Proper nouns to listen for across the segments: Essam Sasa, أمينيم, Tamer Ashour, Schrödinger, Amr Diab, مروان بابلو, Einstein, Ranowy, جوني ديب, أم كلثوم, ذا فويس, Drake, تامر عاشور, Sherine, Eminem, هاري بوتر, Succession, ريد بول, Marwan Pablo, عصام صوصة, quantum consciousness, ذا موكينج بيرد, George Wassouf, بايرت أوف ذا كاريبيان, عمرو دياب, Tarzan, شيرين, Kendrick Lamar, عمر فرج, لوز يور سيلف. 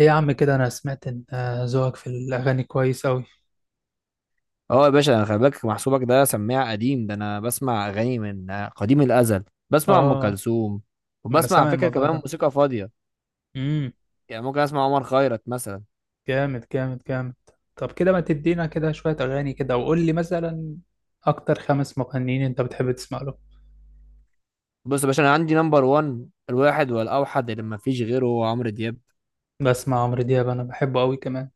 ايه يا عم كده، انا سمعت ان ذوقك في الاغاني كويس اوي. اه يا باشا انا خلي بالك محسوبك ده سماع قديم. ده انا بسمع اغاني من قديم الازل، بسمع ام اه، كلثوم، ما انا وبسمع على سامع فكره الموضوع كمان ده. موسيقى فاضيه. امم. يعني ممكن اسمع عمر خيرت مثلا. جامد جامد جامد. طب كده ما تدينا كده شوية اغاني، كده وقول لي مثلا اكتر خمس مغنيين انت بتحب تسمع له. بص يا باشا، انا عندي نمبر 1 الواحد والاوحد اللي ما فيش غيره هو عمرو دياب. بسمع عمرو دياب، انا بحبه اوي كمان.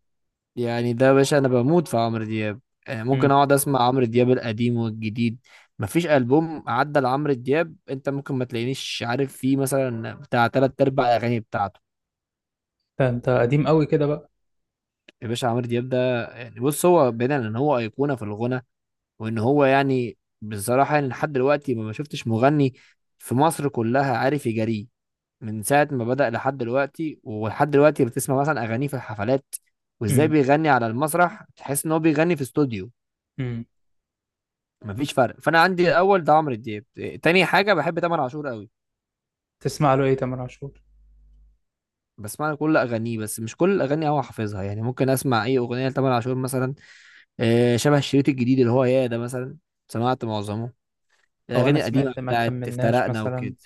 يعني ده يا باشا انا بموت في عمرو دياب، يعني ممكن امم. اقعد اسمع عمرو دياب القديم والجديد. ما فيش البوم عدى لعمرو دياب انت ممكن ما تلاقينيش عارف فيه، مثلا بتاع تلات ارباع الاغاني بتاعته. ده انت قديم اوي كده بقى. يا باشا عمرو دياب ده يعني، بص، هو بعيدا ان هو ايقونه في الغنى، وان هو يعني بصراحة يعني لحد دلوقتي ما شفتش مغني في مصر كلها عارف يجاريه. من ساعة ما بدأ لحد دلوقتي، ولحد دلوقتي بتسمع مثلا أغانيه في الحفلات، وازاي امم. بيغني على المسرح تحس ان هو بيغني في استوديو. امم. مفيش فرق. فانا عندي الاول ده عمرو دياب. تاني حاجة بحب تامر عاشور قوي. تسمع له ايه تامر عاشور؟ بسمع له كل اغانيه، بس مش كل الاغاني هو حافظها. يعني ممكن اسمع اي اغنيه لتامر عاشور مثلا، شبه الشريط الجديد اللي هو يا ده مثلا. سمعت معظمه، هو انا الاغاني القديمه سمعت ما بتاعت كملناش افترقنا مثلا وكده.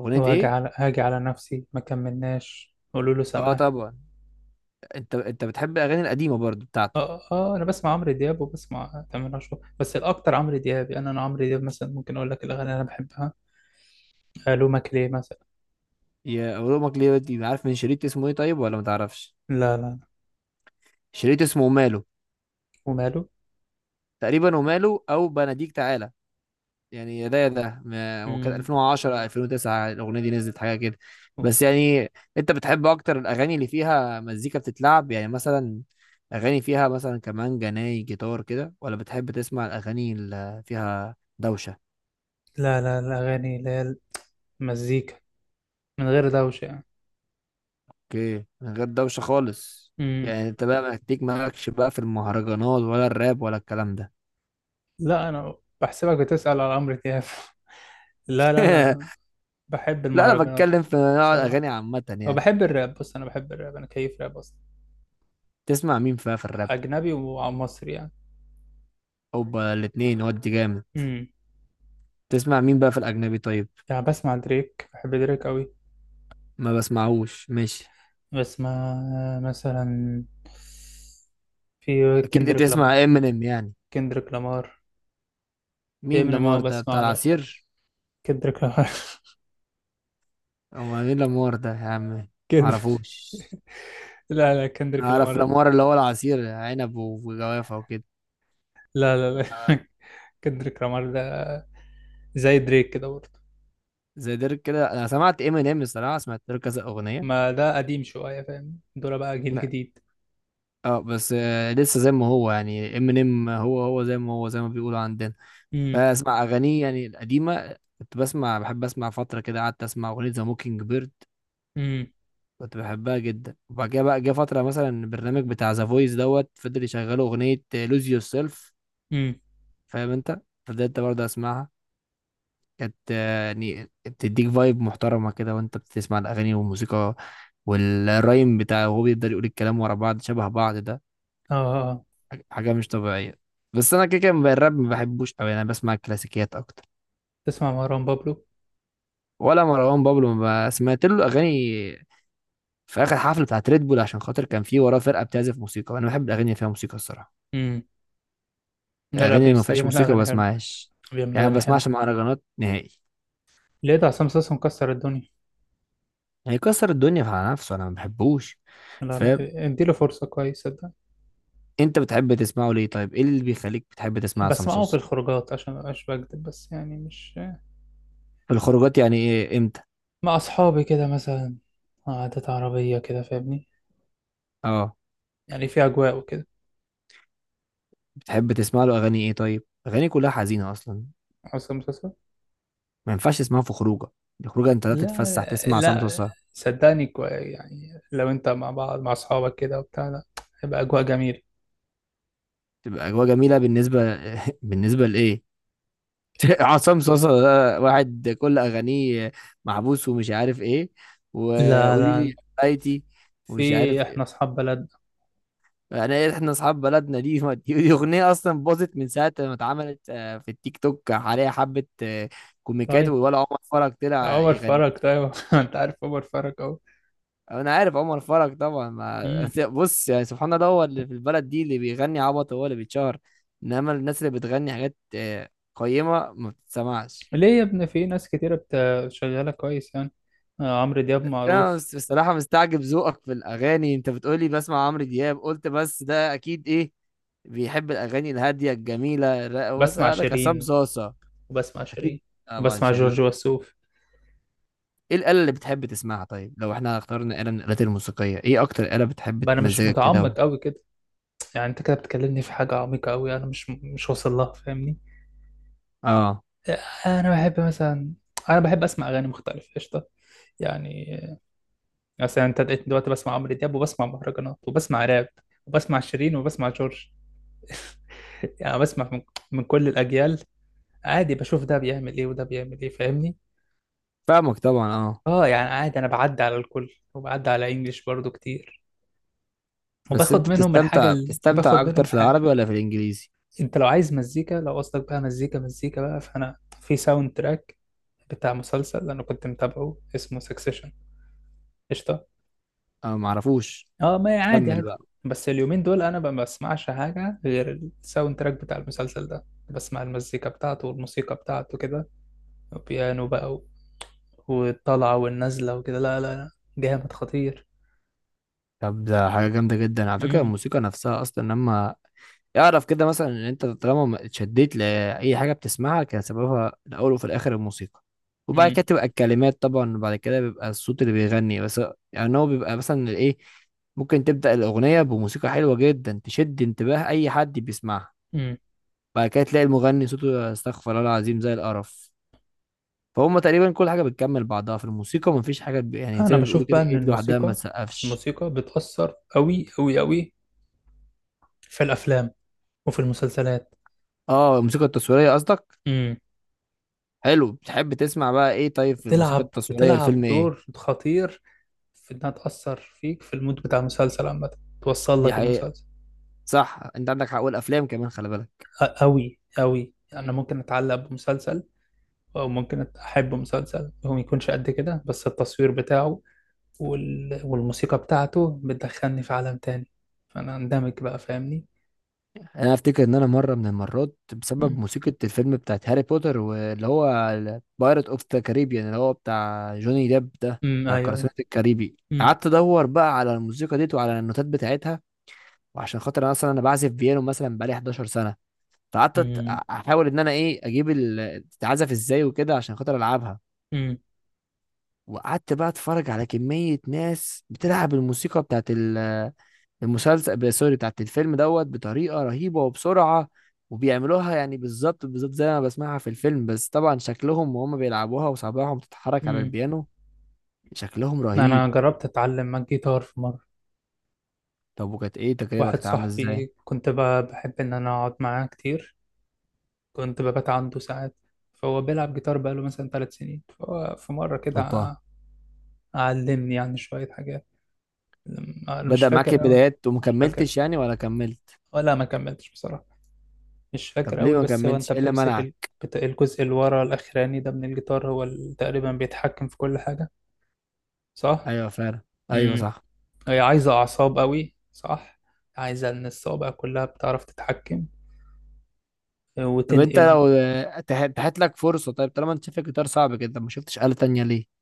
اغنيه وهاجي ايه؟ على، هاجي على نفسي، ما كملناش، قولوا له اه سماح. طبعا. انت بتحب الاغاني القديمه برضو بتاعته. اه، اه، انا بسمع عمرو دياب وبسمع تامر عاشور، بس الاكتر عمرو دياب. يعني انا عمرو دياب مثلا ممكن اقول لك الاغاني اللي انا بحبها. الو ماكليه مثلا. يا اولمك ليه دي، عارف من شريط اسمه ايه طيب، ولا ما تعرفش؟ لا لا لا. شريط اسمه وماله، وماله. تقريبا وماله او بناديك تعالى. يعني يا ده يا ده هو كان امم. 2010 2009 الاغنيه دي نزلت، حاجه كده. بس يعني انت بتحب اكتر الاغاني اللي فيها مزيكا بتتلعب، يعني مثلا اغاني فيها مثلا كمان جناي جيتار كده، ولا بتحب تسمع الاغاني اللي فيها دوشه؟ لا لا، الاغاني اللي هي المزيكا من غير دوشه يعني. اوكي، من غير دوشة خالص. امم. يعني انت بقى محتاج، مالكش بقى في المهرجانات ولا الراب ولا الكلام ده؟ لا، انا بحسبك بتسأل على عمرو دياب لا لا لا. بحب لا انا المهرجانات. بتكلم في نوع بصراحه. الاغاني عامة يعني. وبحب الراب. بص انا بحب الراب، انا كيف راب اصلا. تسمع مين بقى في الراب؟ اجنبي ومصري يعني. اوبا الاتنين، ودي جامد. امم. تسمع مين بقى في الاجنبي طيب؟ يعني بسمع دريك، بحب دريك قوي. ما بسمعوش، ماشي. بس ما مثلا، في اكيد كندريك لامار. تسمع امينيم يعني. كندريك لامار. مين امينيم، اه لامار ده بتاع بسمع له. العصير؟ كندريك لامار. او مين لامار ده يا عم؟ كد... معرفوش. لا لا، كندريك اعرف لامار. لامار اللي هو العصير عنب وجوافة وكده. لا لا لا آه. كندريك لامار ده زي دريك كده برضه. زي ديرك كده انا سمعت امينيم، الصراحة سمعت له كذا اغنية. ما ده قديم شوية، فاهم؟ دول بقى جيل ما- جديد. اه بس لسه زي ما هو يعني ام ان ام هو زي ما هو، زي ما بيقولوا عندنا. امم. بسمع اغانيه يعني القديمه، كنت بسمع بحب اسمع فتره كده، قعدت اسمع اغنيه ذا موكينج بيرد، امم. كنت بحبها جدا. وبعد كده بقى جه فتره مثلا البرنامج بتاع ذا فويس دوت فضل يشغلوا اغنيه لوز يور سيلف. امم. فاهم انت؟ فضلت برضه اسمعها. كانت يعني بتديك فايب محترمه كده وانت بتسمع الاغاني والموسيقى والرايم بتاعه، وهو بيقدر يقول الكلام ورا بعض شبه بعض ده. اه، آه، آه. حاجة مش طبيعية. بس أنا كده كده بقى الراب ما بحبوش أوي، أنا بسمع كلاسيكيات أكتر. تسمع مروان بابلو؟ ولا مروان بابلو، ما ب- سمعت له أغاني في آخر حفلة بتاعت ريد بول، عشان خاطر كان في وراه فرقة بتعزف موسيقى، وأنا بحب الأغاني اللي فيها موسيقى الصراحة. امم. لا الأغاني لا، اللي ما بس فيهاش بيعمل موسيقى ما أغاني حلوة. بسمعهاش. بيعمل يعني ما أغاني حلوة. بسمعش مهرجانات نهائي. لقيت عصام صاصا مكسر الدنيا. هيكسر الدنيا على نفسه، أنا ما بحبوش. لا لا، فاهم؟ اديله فرصة كويسة. أنت بتحب تسمعه ليه طيب؟ إيه اللي بيخليك بتحب تسمع عصام بس معاهم في صوصة؟ الخروجات، عشان مبقاش بكدب، بس يعني مش. في الخروجات، يعني إيه إمتى؟ مع أصحابي كده مثلا. قعدات عربية كده، فاهمني؟ أه. يعني في أجواء وكده. بتحب تسمع له أغاني إيه طيب؟ أغاني كلها حزينة أصلا، حاسس المسلسل. ما ينفعش اسمها في خروجه. الخروجه انت لا لا تتفسح تسمع عصام لا، صوصه. صدقني، يعني لو أنت مع بعض، مع أصحابك كده وبتاع، لا، هيبقى أجواء جميلة. تبقى اجواء جميله بالنسبه. بالنسبه لايه؟ عصام صوصه ده واحد كل اغانيه محبوس ومش عارف ايه، لا وقولي لا، لي حبايتي، ومش في عارف إحنا ايه. أصحاب بلدنا. انا ايه احنا اصحاب بلدنا دي؟ دي اغنيه اصلا باظت من ساعه ما اتعملت، في التيك توك عليها حبه كوميكات. طيب ولا عمر فرج طلع عمر يغني. فرج، طيب أنت عارف عمر فرج أهو. انا عارف عمر فرج طبعا. ما مم. بص يعني سبحان الله، هو اللي في البلد دي اللي بيغني عبط هو اللي بيتشهر. انما الناس اللي بتغني حاجات قيمة ما بتتسمعش. ليه يا ابني، في ناس كتيرة شغالة كويس يعني. عمرو دياب انا معروف. بصراحة مستعجب ذوقك في الاغاني. انت بتقولي بسمع عمرو دياب، قلت بس ده اكيد ايه، بيحب الاغاني الهادية الجميلة بسمع واسألك عصام شيرين. صاصة. وبسمع اكيد شيرين. طبعا وبسمع جورج شيرين. وسوف. ايه الآلة اللي بتحب تسمعها طيب؟ لو احنا اخترنا آلة من الآلات الموسيقية، ايه اكتر آلة بتحب بقى انا مش تمزجك متعمق كده؟ قوي كده. يعني انت كده بتكلمني في حاجه عميقه قوي، انا مش واصل لها، فاهمني؟ اه انا بحب مثلا، انا بحب اسمع اغاني مختلفه قشطه. يعني مثلا، انت لقيتني دلوقتي بسمع عمرو دياب وبسمع مهرجانات وبسمع راب وبسمع شيرين وبسمع جورج يعني بسمع من كل الاجيال. عادي، بشوف ده بيعمل ايه وده بيعمل ايه، فاهمني؟ فاهمك طبعا اه. اه، يعني عادي، انا بعدي على الكل وبعدي على انجليش برضو كتير. بس وباخد انت منهم الحاجه، بتستمتع، اللي بتستمتع باخد اكتر منهم في الحاجه. العربي ولا في الانجليزي؟ انت لو عايز مزيكا، لو قصدك بقى مزيكا، مزيكا بقى فانا في ساوند تراك بتاع مسلسل انا كنت متابعه اسمه سكسيشن. قشطه. انا ما اعرفوش، اه، ما هي عادي كمل عادي. بقى. بس اليومين دول انا ما بسمعش حاجه غير الساوند تراك بتاع المسلسل ده. بسمع المزيكا بتاعته والموسيقى بتاعته كده. وبيانو بقى والطلعه والنازله وكده. لا لا لا، جامد خطير. طب ده حاجه جامده جدا على فكره. امم. الموسيقى نفسها اصلا لما يعرف كده مثلا ان انت طالما ما اتشديت لاي حاجه بتسمعها كان سببها الاول وفي الاخر الموسيقى. وبعد كده امم. تبقى الكلمات طبعا، وبعد كده بيبقى الصوت اللي بيغني بس. يعني هو بيبقى مثلا ايه، ممكن تبدأ الأغنية بموسيقى حلوة جدا تشد انتباه أي حد بيسمعها، امم. بعد كده تلاقي المغني صوته استغفر الله العظيم زي القرف. فهم؟ تقريبا كل حاجه بتكمل بعضها في الموسيقى، مفيش حاجه يعني انا زي ما بيقولوا بشوف كده بقى ان ايه، لوحدها ما الموسيقى، تسقفش. الموسيقى بتأثر قوي قوي قوي في الافلام وفي المسلسلات. اه الموسيقى التصويريه قصدك. حلو، بتحب تسمع بقى ايه طيب في الموسيقى بتلعب التصويريه؟ الفيلم ايه؟ دور خطير في انها تأثر فيك في المود بتاع المسلسل عامة، توصل دي لك حقيقه، المسلسل. صح، انت عندك حق. والافلام كمان خلي بالك. قوي قوي، انا ممكن اتعلق بمسلسل. او ممكن احب مسلسل هو ما يكونش قد كده، بس التصوير بتاعه والموسيقى بتاعته بتدخلني في عالم تاني، فانا اندمج بقى، فاهمني؟ انا افتكر ان انا مره من المرات بسبب امم. موسيقى الفيلم بتاعت هاري بوتر واللي هو بايرت اوف ذا كاريبيان اللي هو بتاع جوني ديب ده أمم، بتاع ايوه ايوه. قراصنة الكاريبي، امم. قعدت ادور بقى على الموسيقى ديت وعلى النوتات بتاعتها. وعشان خاطر انا اصلا انا بعزف بيانو مثلا بقالي 11 سنه، فقعدت أت- امم. احاول ان انا ايه اجيب تتعزف ازاي وكده عشان خاطر العبها. امم. وقعدت بقى اتفرج على كمية ناس بتلعب الموسيقى بتاعت المسلسل، سوري، بتاعت الفيلم دوت، بطريقة رهيبة وبسرعة. وبيعملوها يعني بالظبط بالظبط زي ما بسمعها في الفيلم، بس طبعا شكلهم وهم بيلعبوها وصابعهم بتتحرك على أمم. البيانو شكلهم رهيب. انا جربت اتعلم جيتار في مرة. طب وكانت ايه تجربة، واحد كانت عاملة ازاي؟ صاحبي كنت بحب ان انا اقعد معاه كتير، كنت ببات عنده ساعات. فهو بيلعب جيتار بقاله مثلا ثلاث سنين، فهو في مرة كده اوبا. علمني يعني شوية حاجات. أنا مش بدأ معاك فاكر أوي. البدايات مش فاكر، ومكملتش يعني، ولا كملت؟ ولا ما كملتش بصراحة. مش طب فاكر ليه أوي، ما بس هو أنت كملتش؟ ايه اللي بتمسك منعك؟ الجزء اللي ورا الأخراني ده من الجيتار هو اللي تقريبا بيتحكم في كل حاجة، صح؟ ايوه فعلا. ايوه امم. صح. هي عايزة أعصاب أوي، صح؟ عايزة إن الصوابع كلها بتعرف تتحكم طب انت وتنقل. لو اتاحت لك فرصه، طيب طالما انت شايف الجيتار صعب كده، ما شفتش آلة تانية ليه؟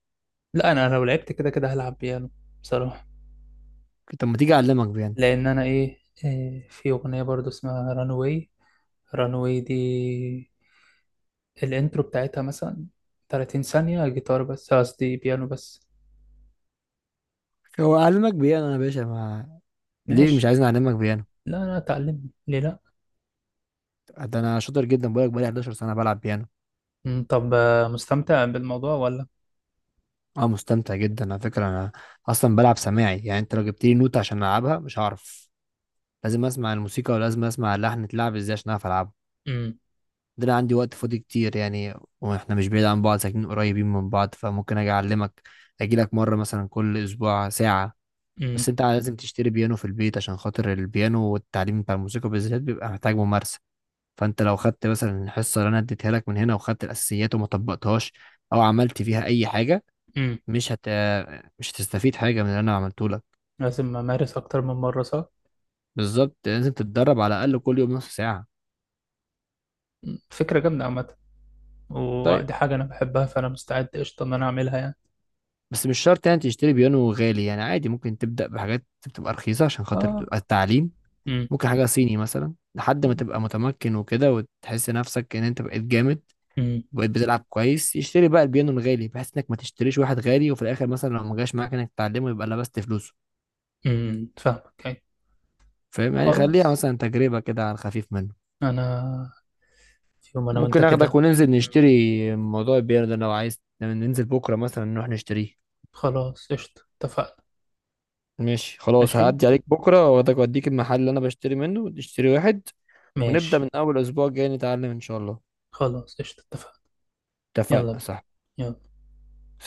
لا، أنا لو لعبت كده كده هلعب بيانو، بصراحة. طب ما تيجي اعلمك بيانو. لان انا ايه إيه، في اغنيه برضو اسمها رانوي. رانوي دي الانترو بتاعتها مثلا 30 ثانيه جيتار بس، قصدي بيانو بس. هو اعلمك بيانو يا باشا ما. ليه مش ماشي. عايزني اعلمك بيانو؟ لا لا، اتعلم ليه؟ لا. ده انا شاطر جدا، بقولك بقالي 11 سنه بلعب بيانو. مم، طب مستمتع بالموضوع ولا؟ اه مستمتع جدا على فكره انا. اصلا بلعب سماعي، يعني انت لو جبت لي نوت عشان العبها مش هعرف. لازم اسمع الموسيقى ولازم اسمع اللحن اتلعب ازاي عشان اعرف العبه. امم. ده انا عندي وقت فاضي كتير يعني. واحنا مش بعيد عن بعض، ساكنين قريبين من بعض، فممكن اجي اعلمك. اجي لك مره مثلا كل اسبوع ساعه. بس امم. انت لازم تشتري بيانو في البيت، عشان خاطر البيانو والتعليم بتاع الموسيقى بالذات بيبقى محتاج ممارسة. فانت لو خدت مثلا الحصة اللي انا اديتها لك من هنا وخدت الاساسيات وما طبقتهاش او عملت فيها اي حاجة، امم. مش هت مش هتستفيد حاجة من اللي انا عملته لك. لازم امارس اكتر من مره، صح؟ بالظبط، لازم تتدرب على الاقل كل يوم نص ساعة. مم، فكره جامده عامه. طيب ودي حاجه انا بحبها، فانا مستعد قشطه ان انا اعملها يعني. بس مش شرط يعني تشتري بيانو غالي، يعني عادي ممكن تبدأ بحاجات بتبقى رخيصة عشان خاطر اه. بتبقى التعليم. امم. ممكن حاجة صيني مثلا لحد ما تبقى متمكن وكده، وتحس نفسك ان انت بقيت جامد امم. وبقيت بتلعب كويس، يشتري بقى البيانو الغالي، بحيث انك ما تشتريش واحد غالي وفي الاخر مثلا لو ما جاش معاك انك تتعلمه يبقى لبست فلوسه. امم. فاهمك، أيوة. فاهم؟ يعني خليها خلاص. مثلا تجربة كده على الخفيف منه. انا في يوم انا وانت ممكن اخدك كده. وننزل نشتري مم. موضوع البيانو ده، لو عايز ننزل بكرة مثلا نروح نشتريه. خلاص قشطة، اتفقنا. ماشي، خلاص، ماشي. هعدي عليك بكرة واخدك واديك المحل اللي انا بشتري منه تشتري واحد، ونبدأ ماشي، من اول اسبوع جاي نتعلم ان شاء الله. خلاص قشطة، اتفقنا. يلا اتفقنا بينا. صح؟ يلا